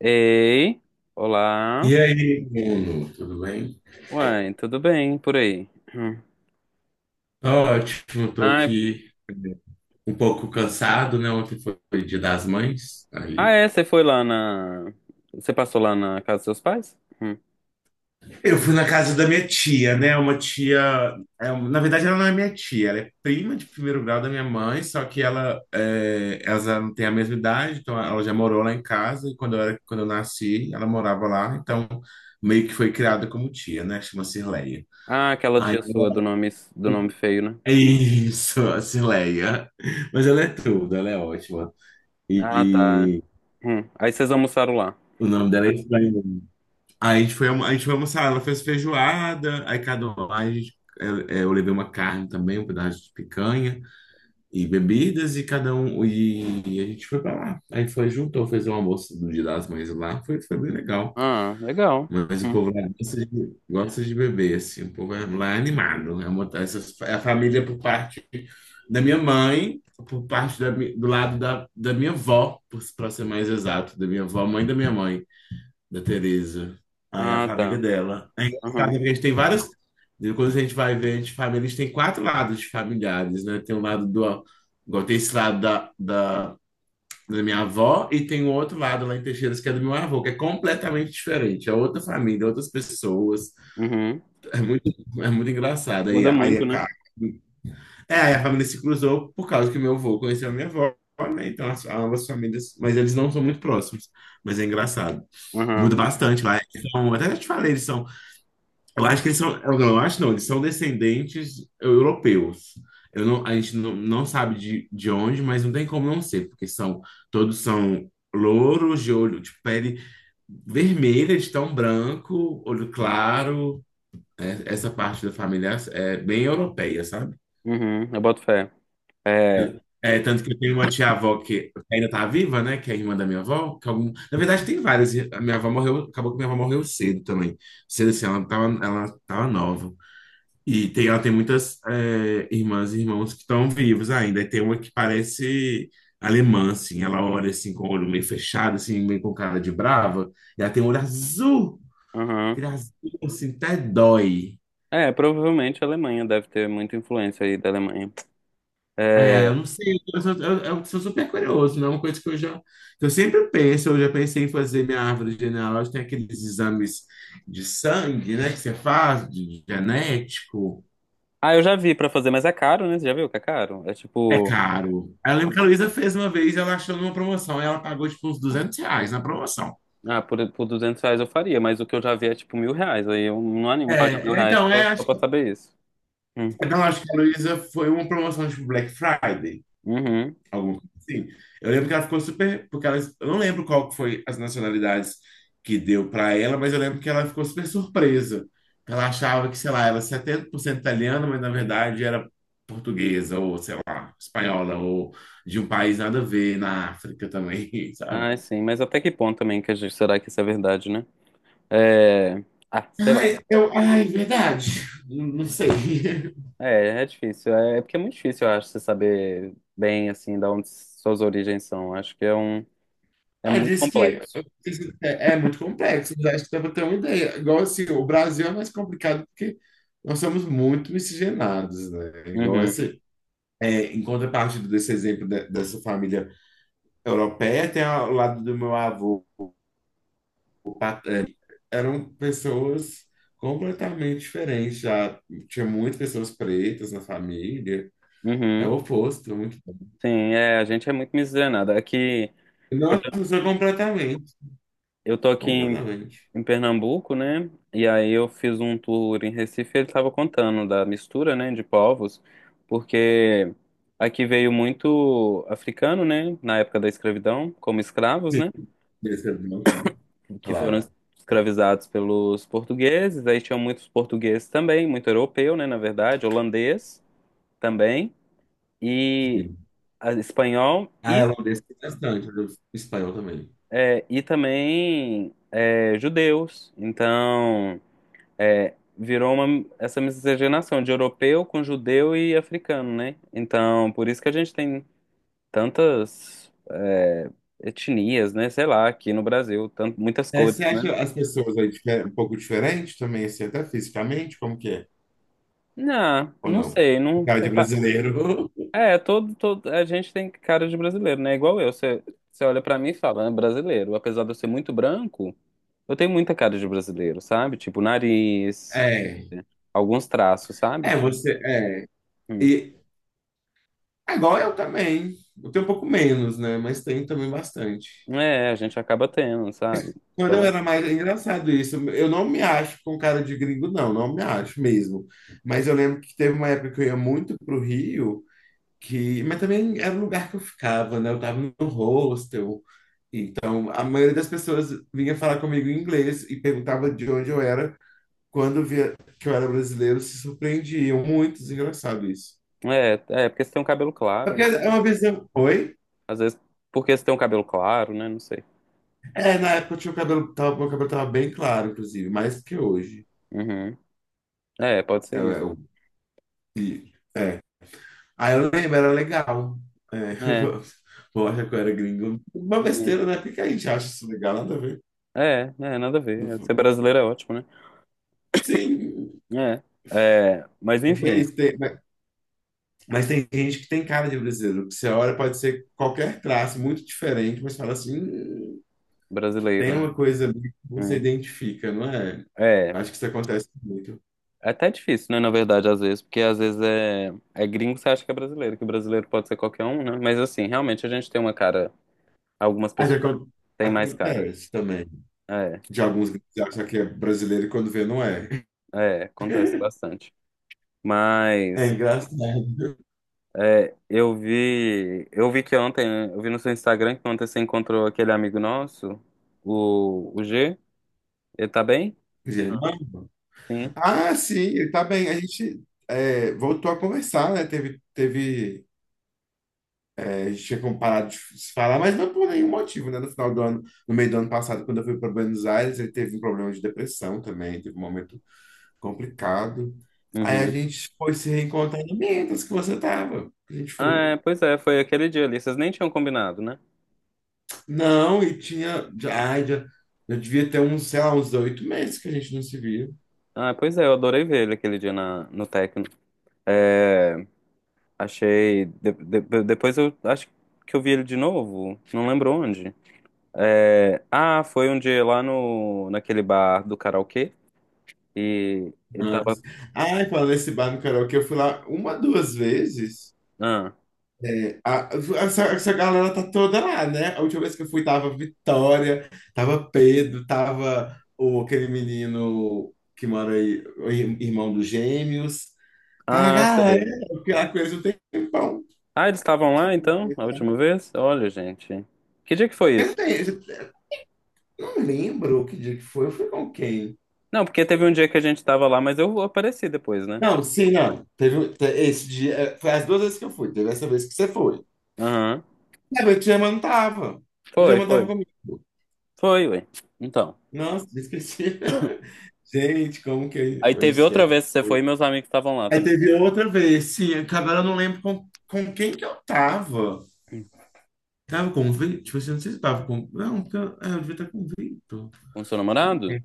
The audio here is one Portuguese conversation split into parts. Ei, olá. E aí, Bruno, tudo bem? Uai, tudo bem por aí? Hum. Tô ótimo, tô Ai, aqui um pouco cansado, né? Ontem foi Dia das Mães, ah, aí. é, Você passou lá na casa dos seus pais? Hum. Eu fui na casa da minha tia, né? Uma tia. Na verdade, ela não é minha tia, ela é prima de primeiro grau da minha mãe, só que ela já não tem a mesma idade, então ela já morou lá em casa, e quando eu nasci, ela morava lá, então meio que foi criada como tia, né? Chama-se Leia. Ah, aquela Aí tia sua do nome feio, né? é isso, a Cileia. Mas ela é tudo, ela é ótima. E, Ah, tá. e Hum. Aí vocês almoçaram lá. o nome dela é estranho. Aí a gente foi, a gente foi almoçar, ela fez feijoada, aí cada um lá, a gente, eu levei uma carne também, um pedaço de picanha e bebidas, e cada um, e a gente foi pra lá. Aí foi, juntou, fez um almoço do Dia das Mães lá, foi, foi bem legal. Ah, legal. Mas o Hum. povo lá gosta de beber, assim. O lá é animado. É, é a família por parte da minha mãe, por parte da do lado da minha avó, para ser mais exato, da minha avó, mãe da minha mãe, da Tereza. Aí a Ah, família tá. dela. É engraçado, Uhum. porque a gente tem várias. Quando a gente vai ver, a gente, família, a gente tem quatro lados de familiares, né? Tem o lado do. Igual tem esse lado da minha avó, e tem o outro lado lá em Teixeiras, que é do meu avô, que é completamente diferente. É outra família, outras pessoas. Uhum. É muito, é muito engraçado. Aí, Muda aí, é, muito, né? ca- é, aí a família se cruzou por causa que meu avô conheceu a minha avó, né? Então ambas famílias, mas eles não são muito próximos. Mas é engraçado. Muda Uhum. bastante lá. Até já te falei, eles são eu acho que eles são. Eu Não, acho não, eles são descendentes europeus. Eu não, a gente não, não sabe de onde, mas não tem como não ser, porque todos são louros de olho, de pele vermelha, de tão branco, olho claro. É, essa parte da família é bem europeia, sabe? Uhum. Eu boto fé. É. É, tanto que eu tenho uma tia-avó que ainda tá viva, né? Que é a irmã da minha avó. Que algum... Na verdade, tem várias. A minha avó morreu, acabou que minha avó morreu cedo também. Cedo assim, ela tava nova. E tem, ela tem muitas é, irmãs e irmãos que estão vivos ainda. E tem uma que parece alemã, assim. Ela olha assim com o olho meio fechado, assim, meio com cara de brava. E ela tem um olho azul, Uhum. aquele azul, assim, até dói. É, provavelmente a Alemanha deve ter muita influência aí da Alemanha. É, É, eu não sei, eu sou super curioso, não é uma coisa que que eu sempre penso, eu já pensei em fazer minha árvore genealógica, tem aqueles exames de sangue, né, que você faz, de genético. ah, eu já vi pra fazer, mas é caro, né? Você já viu que é caro? É É tipo, caro. Eu lembro que a Luísa fez uma vez, ela achou numa promoção, e ela pagou tipo uns R$ 200 na promoção. ah, por R$ 200 eu faria, mas o que eu já vi é tipo R$ 1.000. Aí eu não animo pagar mil É, reais então, só, é, só acho pra que, saber isso. Hum. então, acho que a Luísa foi uma promoção tipo Black Friday, Uhum. alguma coisa assim. Eu lembro que ela ficou super, porque ela, eu não lembro qual que foi as nacionalidades que deu para ela, mas eu lembro que ela ficou super surpresa. Ela achava que, sei lá, ela era 70% italiana, mas na verdade era portuguesa, ou sei lá, espanhola, ou de um país nada a ver na África também, sabe? Ah, sim, mas até que ponto também que a gente, será que isso é verdade, né? É. Ah, sei lá. Ai, eu, ai, verdade. Não sei. É, é difícil. É, é porque é muito difícil, eu acho, você saber bem, assim, da onde suas origens são. Acho que é um. É Ah, muito diz que complexo. É muito complexo, mas acho que dá para ter uma ideia. Igual assim, o Brasil é mais complicado porque nós somos muito miscigenados, né? Igual Uhum. esse. É, em contrapartida desse dessa família europeia, tem ao lado do meu avô, paterno, eram pessoas completamente diferentes. Já tinha muitas pessoas pretas na família. É Uhum. o oposto, muito. Sim, é, a gente é muito miscigenada. Aqui, eu Nossa, tô, mudou completamente. eu tô aqui em completamente. em Pernambuco, né? E aí eu fiz um tour em Recife, ele estava contando da mistura, né, de povos, porque aqui veio muito africano, né, na época da escravidão, como escravos, Sim. né, Desse evento, que foram claro. escravizados pelos portugueses. Aí tinham muitos portugueses também, muito europeu, né, na verdade, holandês também e Sim. ah, espanhol A e holandesa tem bastante, a do espanhol também. é, e também é, judeus. Então é, virou uma, essa miscigenação de europeu com judeu e africano, né? Então, por isso que a gente tem tantas é, etnias, né? Sei lá, aqui no Brasil, muitas É, cores, você né? acha as pessoas aí um pouco diferentes também, assim, até fisicamente, como que é? Não, Ou não não? sei, O não. cara de brasileiro. É, todo, a gente tem cara de brasileiro, né? Igual eu, você, você olha pra mim e fala, é brasileiro, apesar de eu ser muito branco. Eu tenho muita cara de brasileiro, sabe? Tipo, nariz, É, alguns traços, sabe? é, Que, você, é. hum, E agora eu também. Eu tenho um pouco menos, né? Mas tenho também bastante. é, a gente acaba tendo, sabe? Quando eu Então, era mais, é engraçado isso, eu não me acho com cara de gringo, não, não me acho mesmo. Mas eu lembro que teve uma época que eu ia muito pro Rio, que, mas também era o lugar que eu ficava, né? Eu tava no hostel, então a maioria das pessoas vinha falar comigo em inglês e perguntava de onde eu era. Quando via que eu era brasileiro, se surpreendiam. Muito engraçado isso. é, é, porque você tem um cabelo É claro, porque né? é uma visão. Oi? Às vezes, porque você tem um cabelo claro, né? Não sei. É, na época eu tinha o cabelo, tava, meu cabelo tava bem claro, inclusive, mais que hoje. Uhum. É, pode É, ser isso. é, é. Aí eu lembro, era legal. É, É, vou achar que eu era gringo. Uma sim. besteira, né? Por que a gente acha isso legal? Nada a ver. É, é, nada a Não ver. foi. Ser brasileiro é ótimo, Sim, né? É, é, mas mas é enfim, isso, mas tem gente que tem cara de brasileiro. Que Você olha, pode ser qualquer traço, muito diferente, mas fala assim, brasileiro, tem né? uma coisa ali que você Hum. identifica, não é? É, Acho que isso acontece muito. é até difícil, né? Na verdade, às vezes, porque às vezes é gringo que você acha que é brasileiro, que brasileiro pode ser qualquer um, né? Mas assim, realmente a gente tem uma cara, algumas Mas pessoas têm mais cara. acontece também. É, De alguns que acham que é brasileiro e quando vê, não é. é, acontece bastante. É Mas engraçado. é, eu vi que ontem, eu vi no seu Instagram que ontem você encontrou aquele amigo nosso, o G. Ele tá bem? Germano? Sim. Ah, sim, ele tá bem. A gente voltou a conversar, né? Teve. A gente tinha como parado de se falar, mas não por nenhum motivo, né? No final do ano, no meio do ano passado, quando eu fui para Buenos Aires, ele teve um problema de depressão também, teve um momento complicado. Aí a Uhum. gente foi se reencontrar em Mendas, que você tava. A gente Ah, foi. é, pois é, foi aquele dia ali. Vocês nem tinham combinado, né? Não, e tinha. Já devia ter uns, sei lá, uns 8 meses que a gente não se via. Ah, pois é, eu adorei ver ele aquele dia na, no Tecno. É, achei. Depois eu acho que eu vi ele de novo, não lembro onde. É, ah, foi um dia lá no, naquele bar do karaokê e ele tava. Mas- Ai, falando nesse bar no karaokê, eu fui lá uma, duas vezes. Ah, A- essa galera tá toda lá, né? A última vez que eu fui tava Vitória, tava Pedro, tava o, aquele menino que mora aí, o irmão dos gêmeos. Tá a ah, galera, sei. porque lá com eles um tempão. Ah, eles estavam lá então, a última vez? Olha, gente. Que dia que foi Eu, não, isso? tenho, eu não lembro que dia que foi, eu fui com quem? Não, porque teve um dia que a gente tava lá, mas eu apareci depois, né? Não, sim, não. Esse dia, foi as duas vezes que eu fui, teve essa vez que você foi. Aham. É, mas o Germano tava. O Foi, Germano tava foi. comigo. Foi, ué. Então. Nossa, esqueci. Gente, como que Aí eu teve outra esqueço? vez que você foi e meus amigos estavam lá Aí também. teve outra vez, sim, acabaram, eu não lembro com quem que eu tava. Hum. Tava com o Vitor? Tipo assim, não sei se tava com. Não, porque eu, é, eu devia estar com o Vitor. Com seu namorado?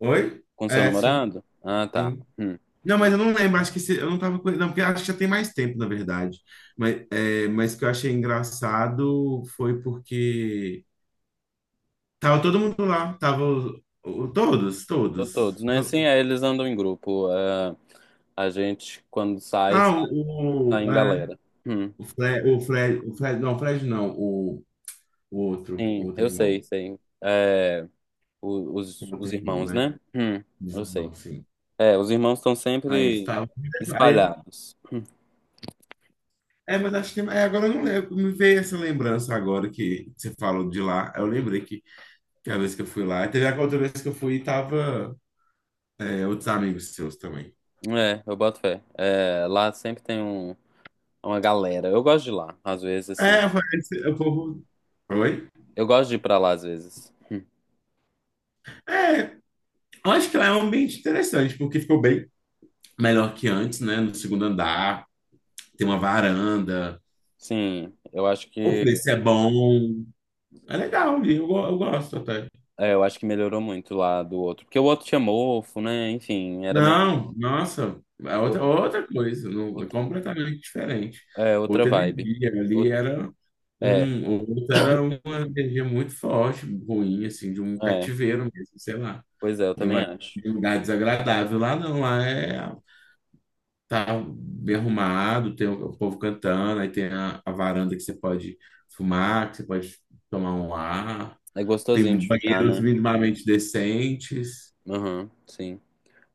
Oi? Com seu É, sim, namorado? Ah, tá. sim. Hum. Não, mas eu não lembro, acho que se, eu não tava com ele. Não, porque acho que já tem mais tempo, na verdade. Mas, é, mas o que eu achei engraçado foi porque tava todo mundo lá, tava todos, Tô todos. todos, né? To- Assim, é, eles andam em grupo. É, a gente, quando sai, Ah, sai o, em é, galera. Hum. o Fred, o Fred, o Fred, não, o Fred não, o Sim, outro eu irmão. sei, sei. É, o- os, Muito os bom, irmãos, né? né? Eu sei. não sim. É, os irmãos estão Aí eles sempre estavam. Aí- espalhados. É, mas acho que. É, agora eu não lembro. Me veio essa lembrança agora que você falou de lá. Eu lembrei que a vez que eu fui lá. E teve a outra vez que eu fui e tava é, outros amigos seus também. É, eu boto fé. É, lá sempre tem um, uma galera. Eu gosto de ir lá, às vezes, assim. É, parece. O povo. Oi? Eu gosto de ir pra lá, às vezes. Hum. Eu acho que lá é um ambiente interessante, porque ficou bem melhor que antes, né? No segundo andar, tem uma varanda. Sim, eu acho O que, preço é bom. É legal, eu, eu gosto até. é, eu acho que melhorou muito lá do outro. Porque o outro tinha mofo, né? Enfim, era meio. Não, nossa, é o- outra coisa, não, é outro- completamente diferente. É, outra Outra vibe. energia ali O- era É, um, outra era uma energia muito forte, ruim, assim, de um é. cativeiro mesmo, sei lá, Pois é, eu de também acho. de um lugar desagradável. Lá não, lá é tá bem arrumado, tem o povo cantando, aí tem a varanda que você pode fumar, que você pode tomar um ar, É tem gostosinho de ficar, banheiros né? minimamente decentes, Aham, sim.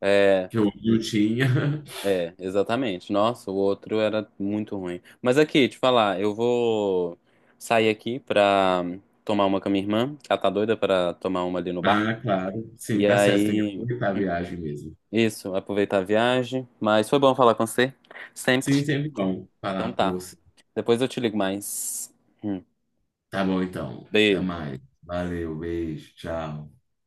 É, que eu não tinha. É, exatamente. Nossa, o outro era muito ruim. Mas aqui, te falar, eu vou sair aqui pra tomar uma com a minha irmã, que ela tá doida pra tomar uma ali no bar. Ah, claro. Sim, E tá certo. Tem que aí, aproveitar a viagem mesmo. isso, aproveitar a viagem. Mas foi bom falar com você, Sim, sempre. sempre bom Então falar com tá. você. Depois eu te ligo mais. Hum, Tá bom, então. Até beijo. mais. Valeu, beijo, tchau.